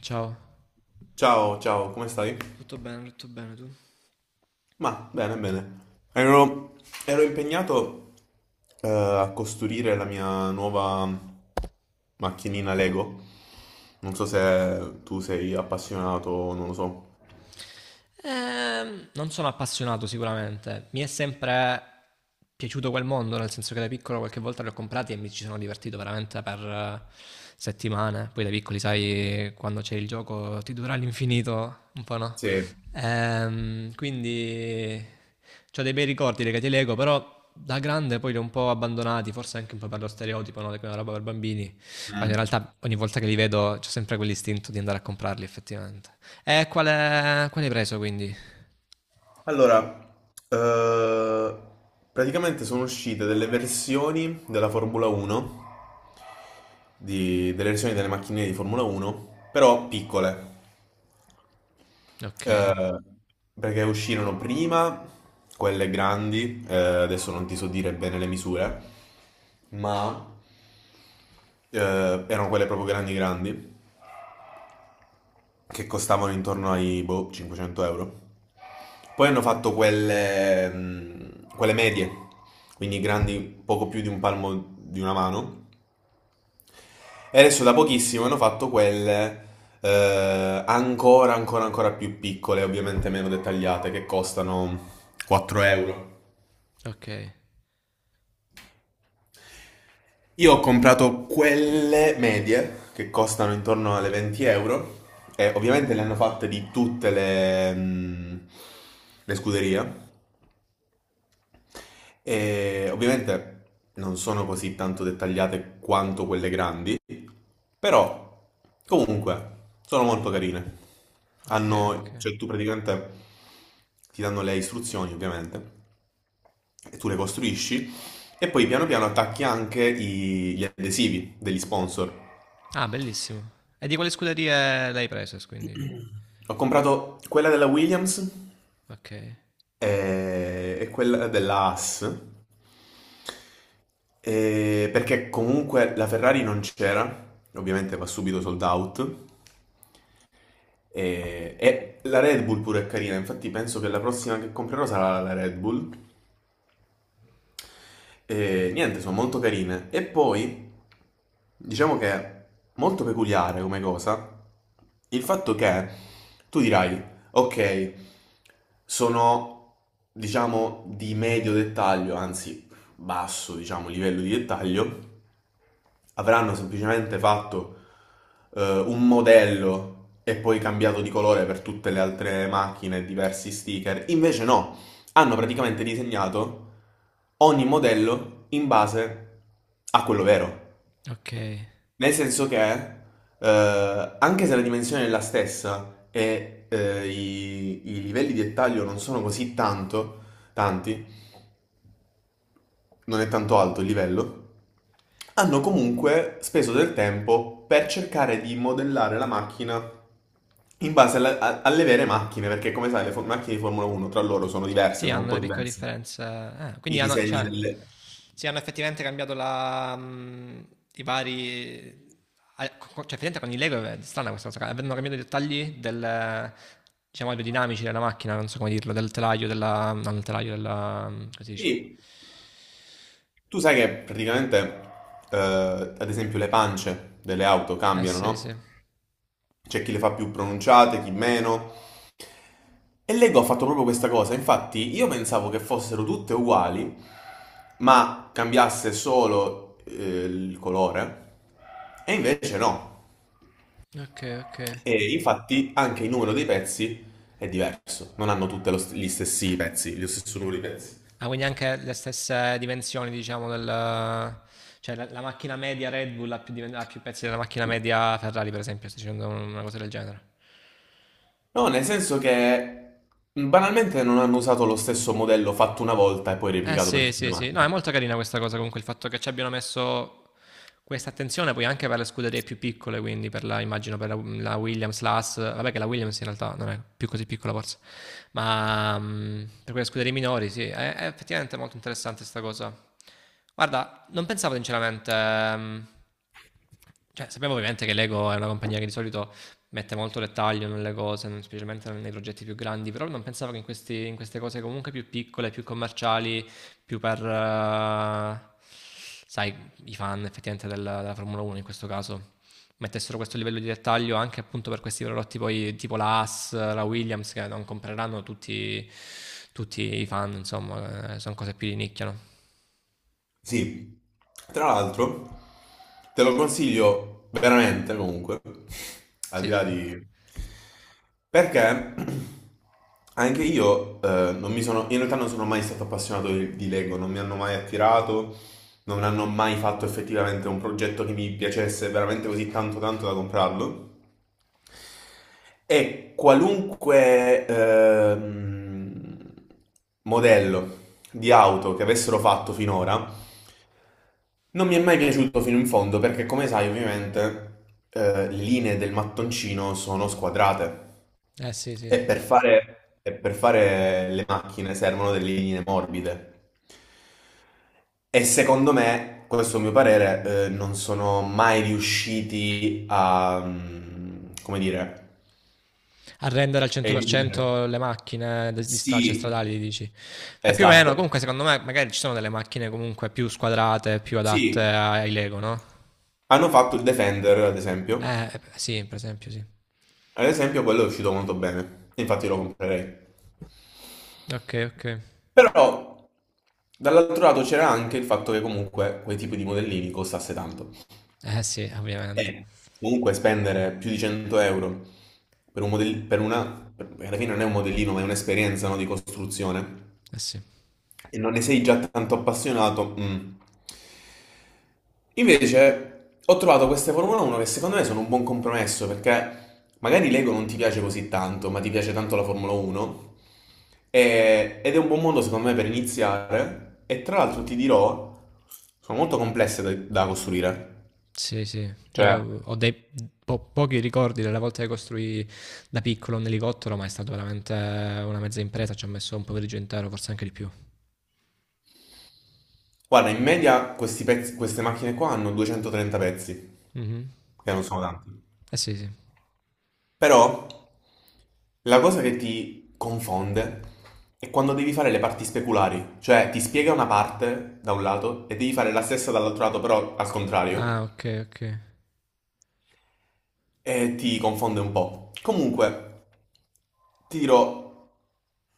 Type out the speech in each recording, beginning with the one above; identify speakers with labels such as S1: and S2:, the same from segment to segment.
S1: Ciao.
S2: Ciao, ciao, come stai? Ma bene, bene. Ero, ero impegnato a costruire la mia nuova macchinina Lego. Non so se tu sei appassionato, non lo so.
S1: Non sono appassionato sicuramente, mi è sempre piaciuto quel mondo, nel senso che da piccolo qualche volta li ho comprati e mi ci sono divertito veramente per settimane. Poi da piccoli, sai, quando c'è il gioco ti dura all'infinito, un po' no.
S2: Sì.
S1: Quindi ho dei bei ricordi legati ai Lego, però da grande poi li ho un po' abbandonati, forse anche un po' per lo stereotipo, no? Che è una roba per bambini, quando in
S2: Mm.
S1: realtà ogni volta che li vedo c'ho sempre quell'istinto di andare a comprarli effettivamente. E qual hai preso quindi?
S2: Allora, eh, praticamente sono uscite delle versioni della Formula 1, delle versioni delle macchinine di Formula 1, però piccole.
S1: Ok,
S2: Eh, Perché uscirono prima quelle grandi, adesso non ti so dire bene le misure, ma eh, erano quelle proprio grandi grandi, che costavano intorno ai boh, 500 euro. Poi hanno fatto quelle medie, quindi grandi poco più di un palmo di una mano. E adesso da pochissimo hanno fatto quelle ancora più piccole, ovviamente meno dettagliate, che costano 4 euro.
S1: ok,
S2: Io ho comprato quelle medie che costano intorno alle 20 euro e ovviamente le hanno fatte di tutte le scuderie e ovviamente non sono così tanto dettagliate quanto quelle grandi, però comunque sono molto carine.
S1: ok, ok.
S2: Cioè tu praticamente ti danno le istruzioni ovviamente e tu le costruisci e poi piano piano attacchi anche gli adesivi degli sponsor.
S1: Ah, bellissimo. E di quale scuderie l'hai preso quindi?
S2: Ho comprato quella della Williams
S1: Ok,
S2: e quella della Haas, perché comunque la Ferrari non c'era, ovviamente va subito sold out, e la Red Bull pure è carina, infatti penso che la prossima che comprerò sarà la Red Bull. E niente, sono molto carine. E poi, diciamo che è molto peculiare come cosa, il fatto che tu dirai, ok, sono, diciamo, di medio dettaglio, anzi basso, diciamo, livello di dettaglio, avranno semplicemente fatto un modello e poi cambiato di colore per tutte le altre macchine, diversi sticker. Invece no, hanno praticamente disegnato ogni modello in base a quello vero.
S1: ok.
S2: Nel senso che, anche se la dimensione è la stessa e i livelli di dettaglio non sono così tanto, tanti, non è tanto alto il livello, hanno comunque speso del tempo per cercare di modellare la macchina in base alle vere macchine, perché come sai le macchine di Formula 1 tra loro sono diverse,
S1: Sì,
S2: sono un
S1: hanno
S2: po'
S1: le piccole
S2: diverse.
S1: differenze. Ah,
S2: I
S1: quindi hanno,
S2: disegni
S1: cioè,
S2: delle...
S1: sì, hanno effettivamente cambiato i vari... ah, cioè, effettivamente con i Lego è strana questa cosa. Avevano cambiato i dettagli del, diciamo, aerodinamici della macchina, non so come dirlo, del telaio, della... non del telaio, della... come si dice?
S2: Sì. Tu sai che praticamente, ad esempio, le pance delle auto
S1: Eh
S2: cambiano,
S1: sì,
S2: no?
S1: sì.
S2: C'è chi le fa più pronunciate, chi meno. E Lego ha fatto proprio questa cosa, infatti io pensavo che fossero tutte uguali, ma cambiasse solo il colore, e invece no.
S1: Ok, ok.
S2: E infatti anche il numero dei pezzi è diverso, non hanno tutti gli stessi pezzi, lo stesso numero di pezzi.
S1: Ah, quindi anche le stesse dimensioni, diciamo, del... Cioè la macchina media Red Bull ha più pezzi della macchina media Ferrari, per esempio, sto dicendo una cosa del genere.
S2: No, nel senso che banalmente non hanno usato lo stesso modello fatto una volta e poi
S1: Eh
S2: replicato per
S1: sì,
S2: tutte le
S1: sì, sì. No, è
S2: macchine.
S1: molto carina questa cosa comunque, il fatto che ci abbiano messo questa attenzione poi anche per le scuderie più piccole, quindi per la Williams, la Haas, vabbè che la Williams in realtà non è più così piccola forse, ma per quelle scuderie minori sì, è effettivamente molto interessante questa cosa. Guarda, non pensavo sinceramente. Cioè, sappiamo ovviamente che Lego è una compagnia che di solito mette molto dettaglio nelle cose, specialmente nei progetti più grandi, però non pensavo che in queste cose comunque più piccole, più commerciali, più per, sai, i fan effettivamente della, della Formula 1 in questo caso mettessero questo livello di dettaglio anche appunto per questi prodotti poi tipo la Haas, la Williams che non compreranno tutti i fan, insomma, sono cose più di nicchia, no?
S2: Sì, tra l'altro te lo consiglio veramente comunque, al di
S1: Sì, sì.
S2: là di... Perché anche io non mi sono, in realtà non sono mai stato appassionato di Lego, non mi hanno mai attirato, non hanno mai fatto effettivamente un progetto che mi piacesse veramente così tanto tanto da comprarlo. E qualunque modello di auto che avessero fatto finora, non mi è mai piaciuto fino in fondo perché, come sai, ovviamente, le linee del mattoncino sono squadrate
S1: Eh sì, sì, effettivamente sì.
S2: e per fare le macchine servono delle linee morbide. E secondo me, questo è il mio parere, non sono mai riusciti a, come dire,
S1: A rendere al
S2: eludere.
S1: 100% le macchine di cioè
S2: Sì,
S1: stradali, dici. E più o meno,
S2: esatto.
S1: comunque secondo me magari ci sono delle macchine comunque più squadrate, più adatte
S2: Sì,
S1: ai Lego, no?
S2: hanno fatto il Defender, ad esempio.
S1: Sì, per esempio, sì.
S2: Ad esempio, quello è uscito molto bene. Infatti lo comprerei.
S1: Ok, ok.
S2: Però dall'altro lato c'era anche il fatto che comunque quel tipo di modellini costasse tanto.
S1: Eh sì, ovviamente.
S2: E comunque spendere più di 100 euro per un modellino, per una, alla fine non è un modellino, ma è un'esperienza, no, di costruzione,
S1: Eh sì.
S2: e non ne sei già tanto appassionato. Mm. Invece ho trovato queste Formula 1 che secondo me sono un buon compromesso perché magari l'ego non ti piace così tanto, ma ti piace tanto la Formula 1 ed è un buon modo secondo me per iniziare e tra l'altro ti dirò, sono molto complesse da costruire.
S1: Sì, sì. Io
S2: Cioè,
S1: ho dei pochi ricordi delle volte che costruì da piccolo un elicottero, ma è stata veramente una mezza impresa. Ci ho messo un pomeriggio intero, forse anche di più.
S2: guarda, in media questi queste macchine qua hanno 230 pezzi,
S1: Mhm.
S2: che non sono tanti.
S1: Eh sì, sì.
S2: Però la cosa che ti confonde è quando devi fare le parti speculari, cioè ti spiega una parte da un lato e devi fare la stessa dall'altro lato, però al contrario,
S1: Ah, ok, ok.
S2: e ti confonde un po'. Comunque, ti dirò,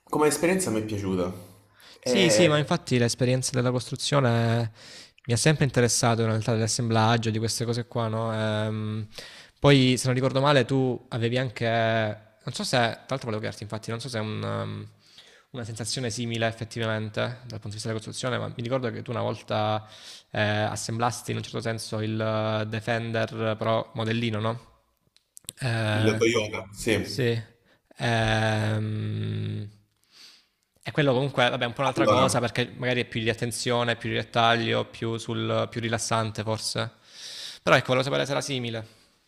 S2: come esperienza mi è piaciuta.
S1: Sì, sì, ma
S2: È
S1: infatti l'esperienza della costruzione mi ha sempre interessato in realtà dell'assemblaggio, di queste cose qua, no? Poi, se non ricordo male, tu avevi anche, non so se, tra l'altro volevo chiederti, infatti, non so se è una sensazione simile effettivamente dal punto di vista della costruzione, ma mi ricordo che tu una volta assemblasti in un certo senso il Defender però modellino, no?
S2: il
S1: Eh,
S2: yoga, sì.
S1: sì. Ehm, e quello comunque, vabbè, è un po' un'altra cosa
S2: Allora,
S1: perché magari è più di attenzione, più di dettaglio, più, sul, più rilassante forse. Però ecco, volevo sapere se era simile.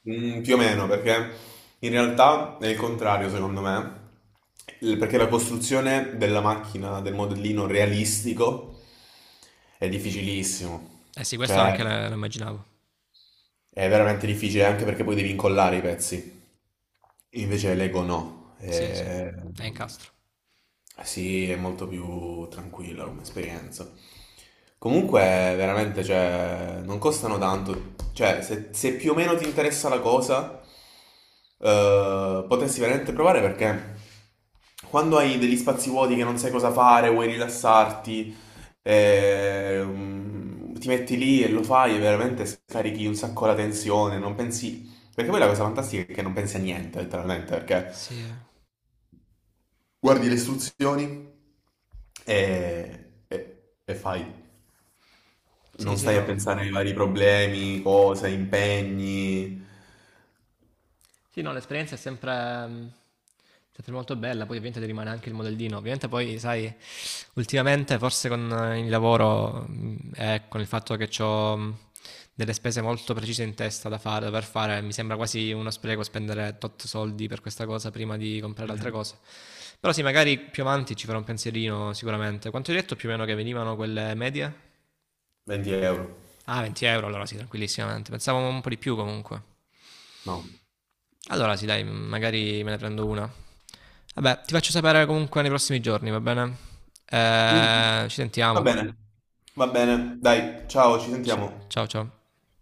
S2: Più o meno, perché in realtà è il contrario, secondo me. Perché la costruzione della macchina, del modellino realistico è difficilissimo.
S1: Eh sì, questo
S2: Cioè,
S1: anche lo immaginavo.
S2: è veramente difficile anche perché poi devi incollare i pezzi. Invece Lego no.
S1: Sì, sì, è incastro.
S2: Sì, è molto più tranquilla come esperienza. Comunque, veramente, cioè, non costano tanto. Cioè, se più o meno ti interessa la cosa, potresti veramente provare perché quando hai degli spazi vuoti che non sai cosa fare, vuoi rilassarti, ti metti lì e lo fai e veramente scarichi un sacco la tensione, non pensi... Perché poi la cosa fantastica è che non pensi a niente, letteralmente, perché
S1: Sì, eh.
S2: guardi le istruzioni e fai.
S1: Sì,
S2: Non
S1: sì,
S2: stai a
S1: no.
S2: pensare ai vari problemi, cose, impegni.
S1: Sì, no, l'esperienza è sempre, mh, sempre molto bella, poi ovviamente ti rimane anche il modellino. Ovviamente poi, sai, ultimamente forse con il lavoro e con il fatto che ho delle spese molto precise in testa da fare, da dover fare, mi sembra quasi uno spreco spendere tot soldi per questa cosa prima di comprare altre cose. Però sì, magari più avanti ci farò un pensierino sicuramente. Quanto hai detto più o meno che venivano quelle medie?
S2: 20 euro.
S1: Ah, 20 euro, allora sì, tranquillissimamente. Pensavo un po' di più comunque.
S2: No.
S1: Allora sì, dai, magari me ne prendo una. Vabbè, ti faccio sapere comunque nei prossimi giorni, va bene?
S2: Mm.
S1: Ci
S2: Va
S1: sentiamo.
S2: bene, va bene. Dai, ciao, ci
S1: Ciao ciao.
S2: sentiamo.
S1: Ciao.